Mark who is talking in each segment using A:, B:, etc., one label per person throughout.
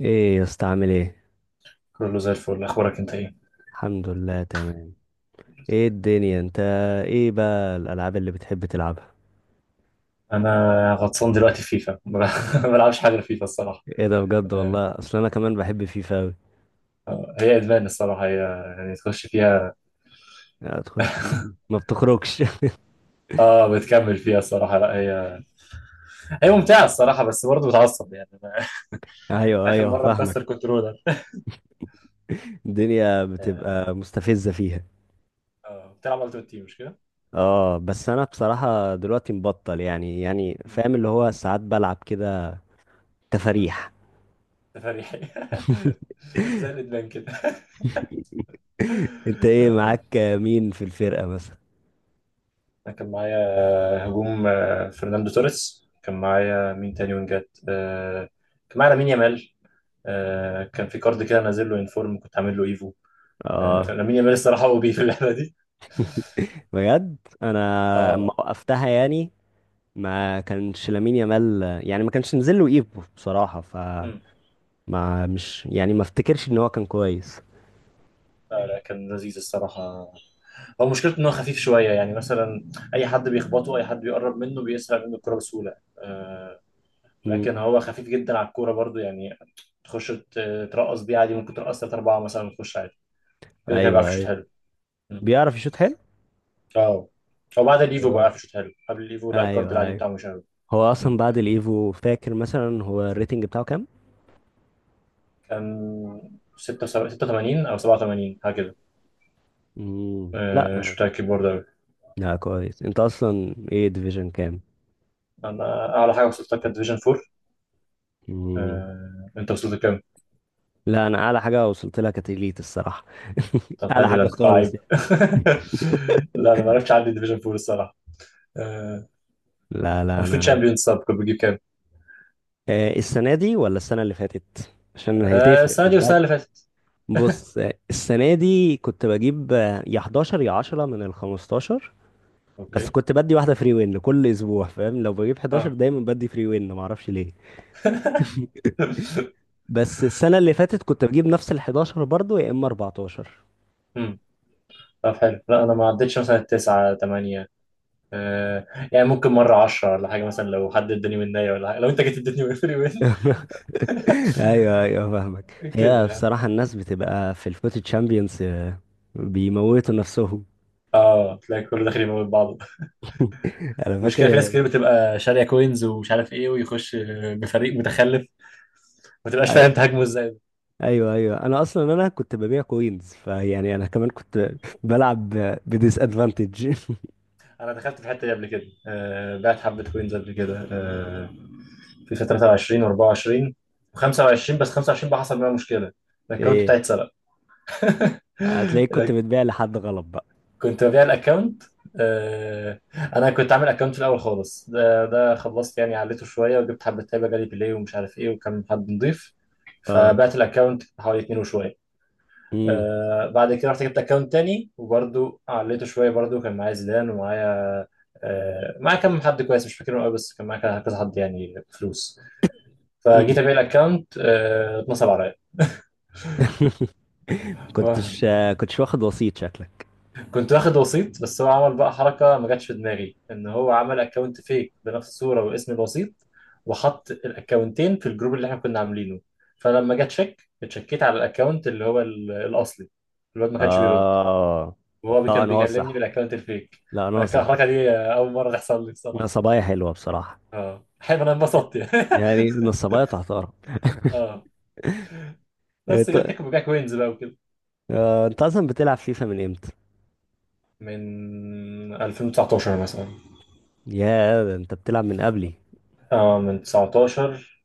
A: ايه يا اسطى، عامل ايه؟
B: كله زي الفل، اخبارك انت ايه؟
A: الحمد لله، تمام. ايه الدنيا انت؟ ايه بقى الالعاب اللي بتحب تلعبها؟
B: انا غطسان دلوقتي في فيفا. ما بلعبش حاجه في فيفا الصراحه.
A: ايه ده؟ بجد
B: آه،
A: والله، اصل انا كمان بحب فيفا اوي.
B: هي ادمان الصراحه هي، يعني تخش فيها.
A: لا تخش، ما بتخرجش.
B: اه، بتكمل فيها الصراحه لا. هي هي ممتعه الصراحه، بس برضه بتعصب يعني أنا.
A: ايوه
B: اخر
A: ايوه،
B: مره
A: فاهمك.
B: مكسر كنترولر.
A: الدنيا
B: اه.
A: بتبقى مستفزة فيها.
B: بتلعب التيمت تيم مش كده؟
A: اه، بس انا بصراحة دلوقتي مبطل. يعني
B: مم.
A: فاهم اللي هو، ساعات بلعب كده.
B: آه،
A: تفاريح.
B: تفريحي. زي الادمان كده.
A: انت ايه،
B: آه،
A: معاك مين في الفرقة مثلا؟
B: أنا كان معايا هجوم. فرناندو توريس. كان معايا مين تاني وينجات؟ كان معايا لامين يامال. كان في كارد كده نازل له انفورم، كنت عامل له ايفو.
A: اه،
B: لامين يامال الصراحه هو بيه في اللعبه دي.
A: بجد. انا اما
B: اه.
A: وقفتها يعني، ما كانش لامين يامال، يعني ما كانش نزل له ايفو بصراحة. ف
B: مم.
A: ما مش يعني ما افتكرش ان هو كان كويس.
B: لا لا، كان لذيذ الصراحه. هو مشكلته ان هو خفيف شويه، يعني مثلا اي حد بيخبطه، اي حد بيقرب منه بيسرق منه الكوره بسهوله.
A: مم.
B: لكن هو خفيف جدا على الكوره برضو، يعني تخش ترقص بيه عادي، ممكن ترقص ثلاث اربعه مثلا وتخش عادي. كده كده بيعرف
A: ايوه
B: يشوط
A: ايوه،
B: حلو. مم.
A: بيعرف يشوط حلو.
B: اه، هو بعد الايفو بقى
A: آه.
B: بيعرف يشوط حلو، قبل الايفو لا، الكارد
A: ايوه
B: العادي
A: ايوه.
B: بتاعه مش حلو.
A: هو اصلا بعد الايفو، فاكر مثلا هو الريتنج بتاعه كام؟
B: كان 86 أو 87 حاجة كده.
A: مم. لا،
B: مش متأكد برضه أوي.
A: لا كويس. انت اصلا ايه ديفيجن كام؟
B: أنا أعلى حاجة وصلتها كانت ديفيجن 4.
A: مم.
B: أنت وصلت لكام؟
A: لا، انا اعلى حاجة وصلت لها كانت elite الصراحة.
B: طب
A: اعلى
B: حلو، ده
A: حاجة
B: أنت
A: خالص
B: لعيب.
A: يعني.
B: لا أنا ما عرفتش، عندي ديفيجن 4 الصراحة. آه،
A: لا لا
B: المفروض
A: انا،
B: شامبيونز سب كنت بجيب كام؟
A: السنة دي ولا السنة اللي فاتت، عشان هي تفرق؟
B: السنة دي والسنة اللي فاتت.
A: بص، السنة دي كنت بجيب يا 11 يا 10 من ال 15. بس
B: أوكي.
A: كنت بدي واحدة فري وين كل أسبوع، فاهم؟ لو بجيب 11
B: أه.
A: دايما بدي فري وين، معرفش ليه. بس السنة اللي فاتت كنت بجيب نفس ال 11 برضه، يا إما 14.
B: مم. طب حلو. لا أنا ما عدتش مثلا تسعة تمانية. يعني ممكن مرة عشرة ولا حاجة مثلا، لو حد اداني مناية ولا حاجة، لو أنت جيت اديتني فري وين.
A: أيوه أيوه، فاهمك.
B: كده
A: هي
B: يعني.
A: بصراحة الناس بتبقى في الفوت تشامبيونز بيموتوا نفسهم.
B: اه، تلاقي كله داخل يموت بعضه.
A: أنا
B: المشكله في ناس
A: فاكر.
B: كتير بتبقى شاريه كوينز ومش عارف ايه ويخش بفريق متخلف، ما تبقاش
A: أي-
B: فاهم تهاجمه ازاي.
A: ايوه ايوه، انا اصلا كنت ببيع كوينز. فيعني انا كمان كنت بلعب بديس ادفانتج.
B: انا دخلت في الحته دي قبل كده، بعت حبه كوينز قبل كده، في فتره 23 و24 و25. بس 25 بقى حصل بقى مشكله، الاكونت
A: ايه؟
B: بتاعي اتسرق.
A: هتلاقيك كنت بتبيع لحد غلط بقى.
B: كنت ببيع الاكونت. آه، انا كنت عامل اكونت في الاول خالص، ده خلصت يعني عليته شويه وجبت حبه تابه جالي بلاي ومش عارف ايه، وكان حد نضيف،
A: اه.
B: فبعت الاكونت حوالي اتنين وشويه.
A: امم
B: بعد كده رحت جبت اكونت تاني وبرده عليته شويه برده، كان معايا زيدان ومعايا، معايا كم حد كويس مش فاكرهم قوي، بس كان معايا كذا حد يعني فلوس. فجيت
A: امم
B: ابيع الاكونت، اتنصب عليا.
A: كنتش آه، كنتش واخد وسيط شكلك؟
B: كنت واخد وسيط، بس هو عمل بقى حركة ما جاتش في دماغي، ان هو عمل اكونت فيك بنفس الصورة واسم الوسيط، وحط الاكونتين في الجروب اللي احنا كنا عاملينه. فلما جه تشيك اتشكيت على الاكونت اللي هو الاصلي، الواد ما كانش بيرد،
A: اه،
B: وهو
A: لا
B: كان
A: انا
B: بيكلمني
A: صح،
B: بالاكونت الفيك.
A: لا انا
B: كان
A: صح.
B: الحركة دي اول مرة تحصل لي بصراحة.
A: نصبايا حلوه بصراحه،
B: اه حلو، انا انبسطت يعني.
A: يعني نصبايا تحترم.
B: اه، بس
A: انت
B: غير كده كنت ببيع كوينز بقى وكده.
A: انت اصلا بتلعب فيفا من امتى؟
B: من 2019 مثلا.
A: يا ده انت بتلعب من قبلي.
B: اه، من 19،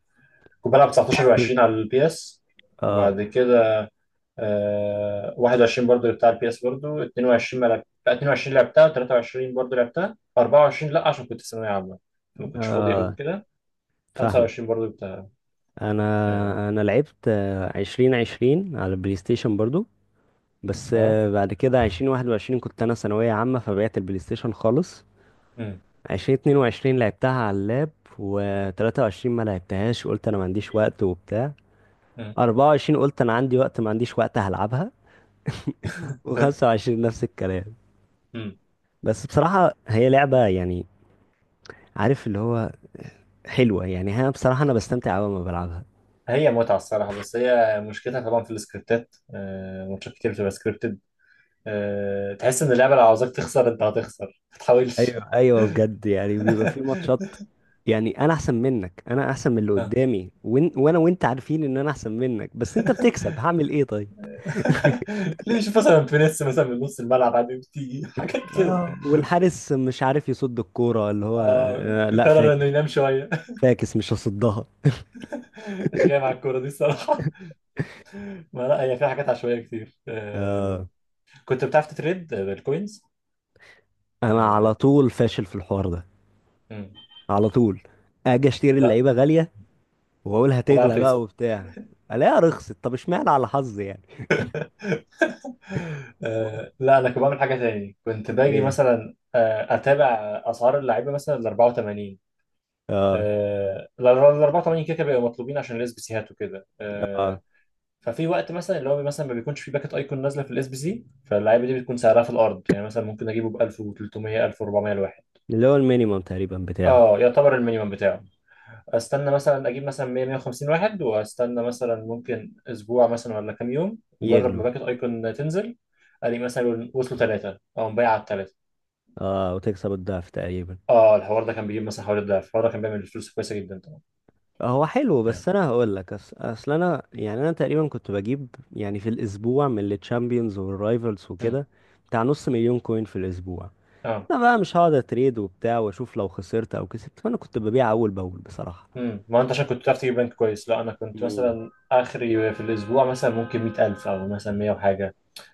B: كنت بلعب 19 و20 على البي اس،
A: اه
B: وبعد كده 21 برضو بتاع البي اس برضو، 22 ما لعب... لا، 22 لعبتها، و23 برضو لعبتها، 24 لا عشان كنت في ثانوية عامة، فما كنتش فاضي قوي
A: اه،
B: كده.
A: فاهمك.
B: 25 برضو بتاع. اه.
A: انا انا لعبت 2020 على البلاي ستيشن برضو. بس،
B: آه.
A: بعد كده 2021 كنت انا ثانوية عامة، فبعت البلاي ستيشن خالص.
B: مم.
A: 2022 لعبتها على اللاب، وتلاتة وعشرين ما لعبتهاش، قلت أنا ما عنديش وقت وبتاع.
B: مم.
A: 24 قلت أنا عندي وقت، ما عنديش وقت هلعبها. وخمسة وعشرين نفس الكلام.
B: مم.
A: بس بصراحة هي لعبة يعني، عارف اللي هو، حلوة يعني. هي بصراحة أنا بستمتع أوي لما بلعبها.
B: هي متعة الصراحة، بس هي مشكلتها طبعا في السكريبتات، ماتشات كتير بتبقى سكريبتد. تحس إن اللعبة لو عاوزاك تخسر أنت هتخسر، ما تحاولش.
A: أيوة أيوة، بجد، يعني بيبقى في ماتشات. يعني أنا أحسن منك، أنا أحسن من اللي
B: آه.
A: قدامي، وإن وأنا وأنت عارفين إن أنا أحسن منك، بس أنت بتكسب، هعمل إيه طيب؟
B: ليه؟ شوف مثلا فينيس مثلا من نص الملعب عادي بتيجي حاجات كده.
A: اه، والحارس مش عارف يصد الكورة، اللي هو
B: آه
A: آه، لا
B: قرر
A: فاكس
B: انه ينام شويه.
A: فاكس مش هصدها.
B: مش جاي مع الكوره دي الصراحه. ما لا، هي فيها حاجات عشوائيه كتير. آه.
A: آه.
B: كنت بتعرف تتريد بالكوينز؟
A: انا على
B: آه
A: طول فاشل في الحوار ده.
B: مم.
A: على طول اجي اشتري
B: لا.
A: اللعيبه غاليه، واقول
B: وبقى
A: هتغلى بقى
B: رخيصه.
A: وبتاع، الاقيها رخصت. طب اشمعنى على حظي يعني؟
B: لا، انا كنت بعمل حاجه تاني، كنت باجي
A: ايه؟
B: مثلا اتابع اسعار اللعيبه مثلا ال 84.
A: اه
B: ال 84 كده كده بيبقوا مطلوبين عشان الاسبيسيهات وكده. آه.
A: اه،
B: ففي وقت مثلا اللي هو مثلا ما بيكونش في باكت ايكون نازله في الاس بي سي، فاللعيبه دي بتكون سعرها في الارض، يعني مثلا ممكن اجيبه ب 1300 1400 الواحد.
A: اللي هو المينيمم تقريبا بتاعه.
B: اه، يعتبر المينيمم بتاعه. استنى مثلا اجيب مثلا 100 150 واحد، واستنى مثلا ممكن اسبوع مثلا ولا كام يوم، مجرد ما
A: يغلو،
B: باكت ايكون تنزل، الاقي مثلا وصلوا ثلاثه، او مبيع على الثلاثه.
A: اه، وتكسب الضعف تقريبا.
B: اه، الحوار ده كان بيجيب مثلا حوالي الضعف، الحوار ده كان بيعمل فلوس كويسه جدا طبعا.
A: هو حلو،
B: يعني.
A: بس انا هقول لك، اصل انا يعني انا تقريبا كنت بجيب يعني في الاسبوع من التشامبيونز والرايفلز
B: مم.
A: وكده بتاع نص مليون كوين في الاسبوع.
B: اه.
A: انا بقى مش هقعد اتريد وبتاع واشوف لو خسرت او كسبت، فانا كنت ببيع اول باول بصراحه.
B: امم. ما انت عشان كنت بتعرف تجيب رانك كويس. لا، انا كنت
A: مم.
B: مثلا اخري في الاسبوع مثلا ممكن 100000 او مثلا 100 وحاجه،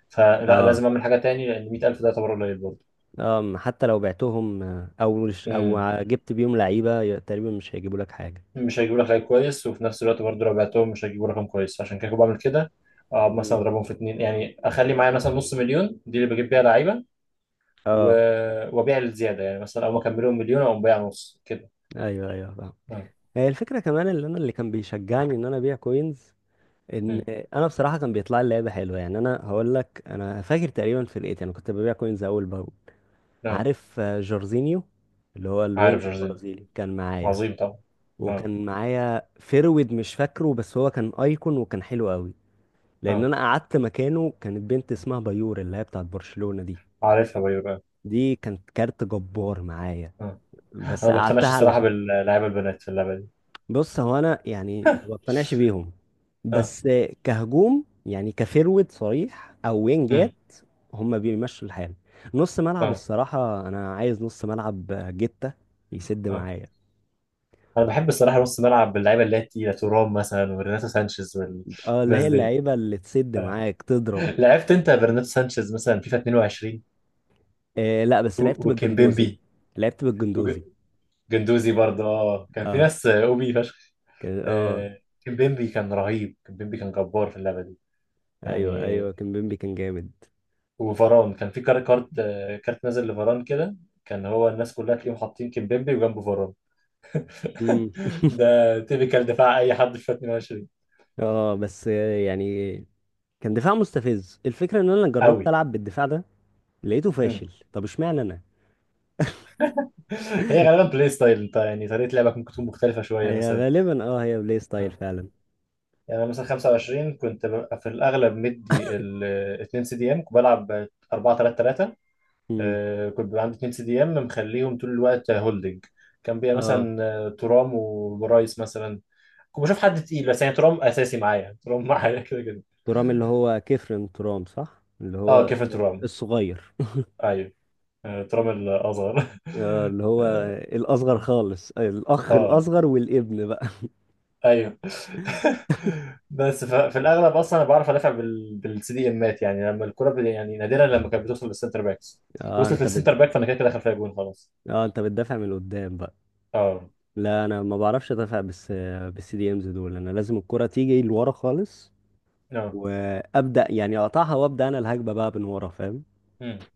B: فلا
A: اه
B: لازم اعمل حاجه تاني، لان 100000 ده يعتبر قليل برضه.
A: اه، حتى لو بعتهم، او مش- او
B: امم،
A: جبت بيهم لعيبه تقريبا مش هيجيبوا لك حاجه.
B: مش هيجيبوا لك رانك كويس، وفي نفس الوقت برضه لو بعتهم مش هيجيبوا رقم كويس، عشان كده كنت بعمل كده. اه، مثلا
A: مم.
B: اضربهم في اتنين، يعني اخلي معايا مثلا نص مليون دي اللي بجيب بيها لعيبه. و...
A: اه،
B: وابيع الزياده، يعني مثلا اول ما اكملهم مليون اقوم بايع نص كده.
A: ايوه ايوه، فاهم.
B: امم.
A: هي الفكره كمان اللي انا، اللي كان بيشجعني ان انا ابيع كوينز، ان
B: امم.
A: انا بصراحه كان بيطلع لي لعيبه حلوه. يعني انا هقول لك، انا فاكر تقريبا في الايت انا كنت ببيع كوينز اول باول.
B: آه.
A: عارف جورزينيو؟ اللي هو
B: عارف
A: الوينج
B: جورجينيو؟
A: البرازيلي كان معايا.
B: عظيم طبعا. اه
A: وكان معايا فيرويد، مش فاكره بس هو كان ايكون وكان حلو قوي. لان
B: اه،
A: انا قعدت مكانه كانت بنت اسمها بايور، اللي هي بتاعت برشلونة دي.
B: عارفها بايو.
A: دي كانت كارت جبار معايا.
B: اه، انا
A: بس
B: ما
A: قعدتها
B: بقتنعش الصراحه
A: علشان.
B: باللعيبه البنات في اللعبه دي.
A: بص هو انا يعني ما بقتنعش بيهم،
B: اه.
A: بس كهجوم يعني، كفيرويد صريح او وينجات،
B: امم.
A: هم بيمشوا الحال. نص ملعب
B: اه
A: الصراحة، انا عايز نص ملعب جتة، يسد
B: اه،
A: معايا.
B: انا بحب الصراحه نص ملعب باللعيبه اللي هي التقيله، تورام مثلا وبرناتو سانشيز
A: اه، اللي
B: والناس
A: هي
B: دي.
A: اللعيبة اللي تسد
B: آه.
A: معاك تضرب.
B: لعبت انت برناتو سانشيز مثلا فيفا 22؟
A: إيه؟ لا بس لعبت بالجندوزي.
B: وكيمبيمبي
A: لعبت بالجندوزي
B: وجندوزي برضه، اه كان في
A: اه،
B: ناس اوبي فشخ.
A: كان اه،
B: آه. كيمبيمبي كان رهيب، كيمبيمبي كان جبار في اللعبه دي
A: ايوه
B: يعني.
A: ايوه، كان بيمبي كان جامد.
B: وفاران كان في كارت، كارت نازل لفاران كده. كان هو الناس كلها تلاقيهم حاطين كيمبيمبي وجنبه فاران.
A: امم،
B: ده تيبيكال دفاع اي حد في 22.
A: اه، بس، يعني كان دفاع مستفز. الفكره ان انا
B: قوي.
A: جربت العب بالدفاع ده، لقيته
B: مم.
A: فاشل. طب اشمعنى انا؟
B: هي غالبا بلاي ستايل انت، يعني طريقه لعبك ممكن تكون مختلفه شويه
A: هي
B: مثلا.
A: غالبا هي بلاي ستايل
B: آه.
A: فعلا.
B: يعني انا مثلا 25 كنت ببقى في الاغلب مدي ال 2 سي دي ام، كنت بلعب 4 3 3.
A: امم
B: كنت بيبقى عندي 2 سي دي ام مخليهم طول الوقت هولدنج، كان بيبقى
A: اه،
B: مثلا ترام وبرايس مثلا. كنت بشوف حد تقيل، بس يعني ترام اساسي معايا، ترام معايا كده كده.
A: ترام اللي هو كيفرن ترام صح؟ اللي
B: اه
A: هو
B: كيفن ترام.
A: الصغير.
B: ايوه. ترام الاصغر.
A: آه، اللي هو الاصغر خالص، الاخ
B: اه
A: الاصغر والابن بقى.
B: ايوه. بس في الاغلب اصلا انا بعرف ادافع بالسي دي امات، يعني لما الكره يعني نادرا لما كانت بتوصل للسنتر باكس،
A: اه،
B: وصلت للسنتر باك، فانا كده كده دخل فيها جون خلاص.
A: اه، انت بتدافع من قدام بقى.
B: اه.
A: لا انا ما بعرفش ادافع، بس بالسي دي امز دول انا لازم الكرة تيجي لورا خالص
B: اه.
A: وابدا يعني اقطعها، وابدا انا الهجمه بقى من ورا، فاهم؟
B: امم.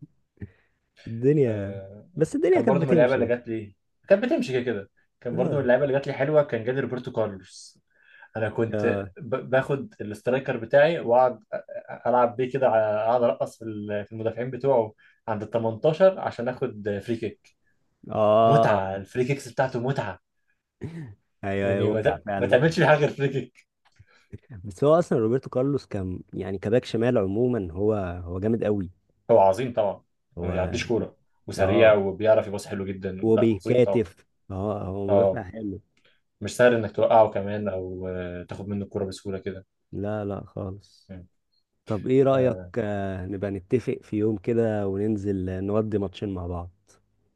A: الدنيا،
B: آه،
A: بس الدنيا
B: كان
A: كانت
B: برضو من اللعيبه
A: بتمشي
B: اللي
A: يعني.
B: جات لي، كانت بتمشي كده كده. كان برضو من
A: اه
B: اللعيبه اللي جات لي حلوه، كان جالي روبرتو كارلوس. انا كنت
A: اه
B: باخد الاسترايكر بتاعي واقعد العب بيه كده اقعد ارقص في في المدافعين بتوعه عند ال 18 عشان اخد فري كيك.
A: اه،
B: متعه الفري كيكس بتاعته متعه.
A: ايوه
B: يعني
A: ايوه، متعه
B: ما
A: فعلا.
B: تعملش فيه حاجه غير فري كيك.
A: بس هو اصلا روبرتو كارلوس كان يعني كباك شمال عموما، هو جامد قوي.
B: هو عظيم طبعا، ما
A: هو
B: بيعديش كوره، وسريع
A: اه،
B: وبيعرف يباص حلو جدا. لا عظيم طبعا.
A: وبيكاتف، اه هو مدافع
B: اه،
A: حلو.
B: مش سهل انك توقعه كمان، او تاخد منه الكوره بسهوله كده.
A: لا لا خالص.
B: مم.
A: طب ايه رأيك،
B: آه.
A: نبقى نتفق في يوم كده وننزل نودي ماتشين مع بعض؟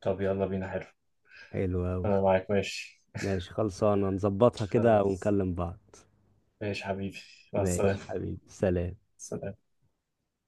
B: طب يلا بينا، حلو.
A: حلو أوي.
B: انا معاك ماشي.
A: ماشي، خلصانة. نظبطها كده
B: خلاص
A: ونكلم بعض.
B: ماشي حبيبي. مع
A: ماشي
B: السلامه.
A: حبيبي، سلام.
B: سلام.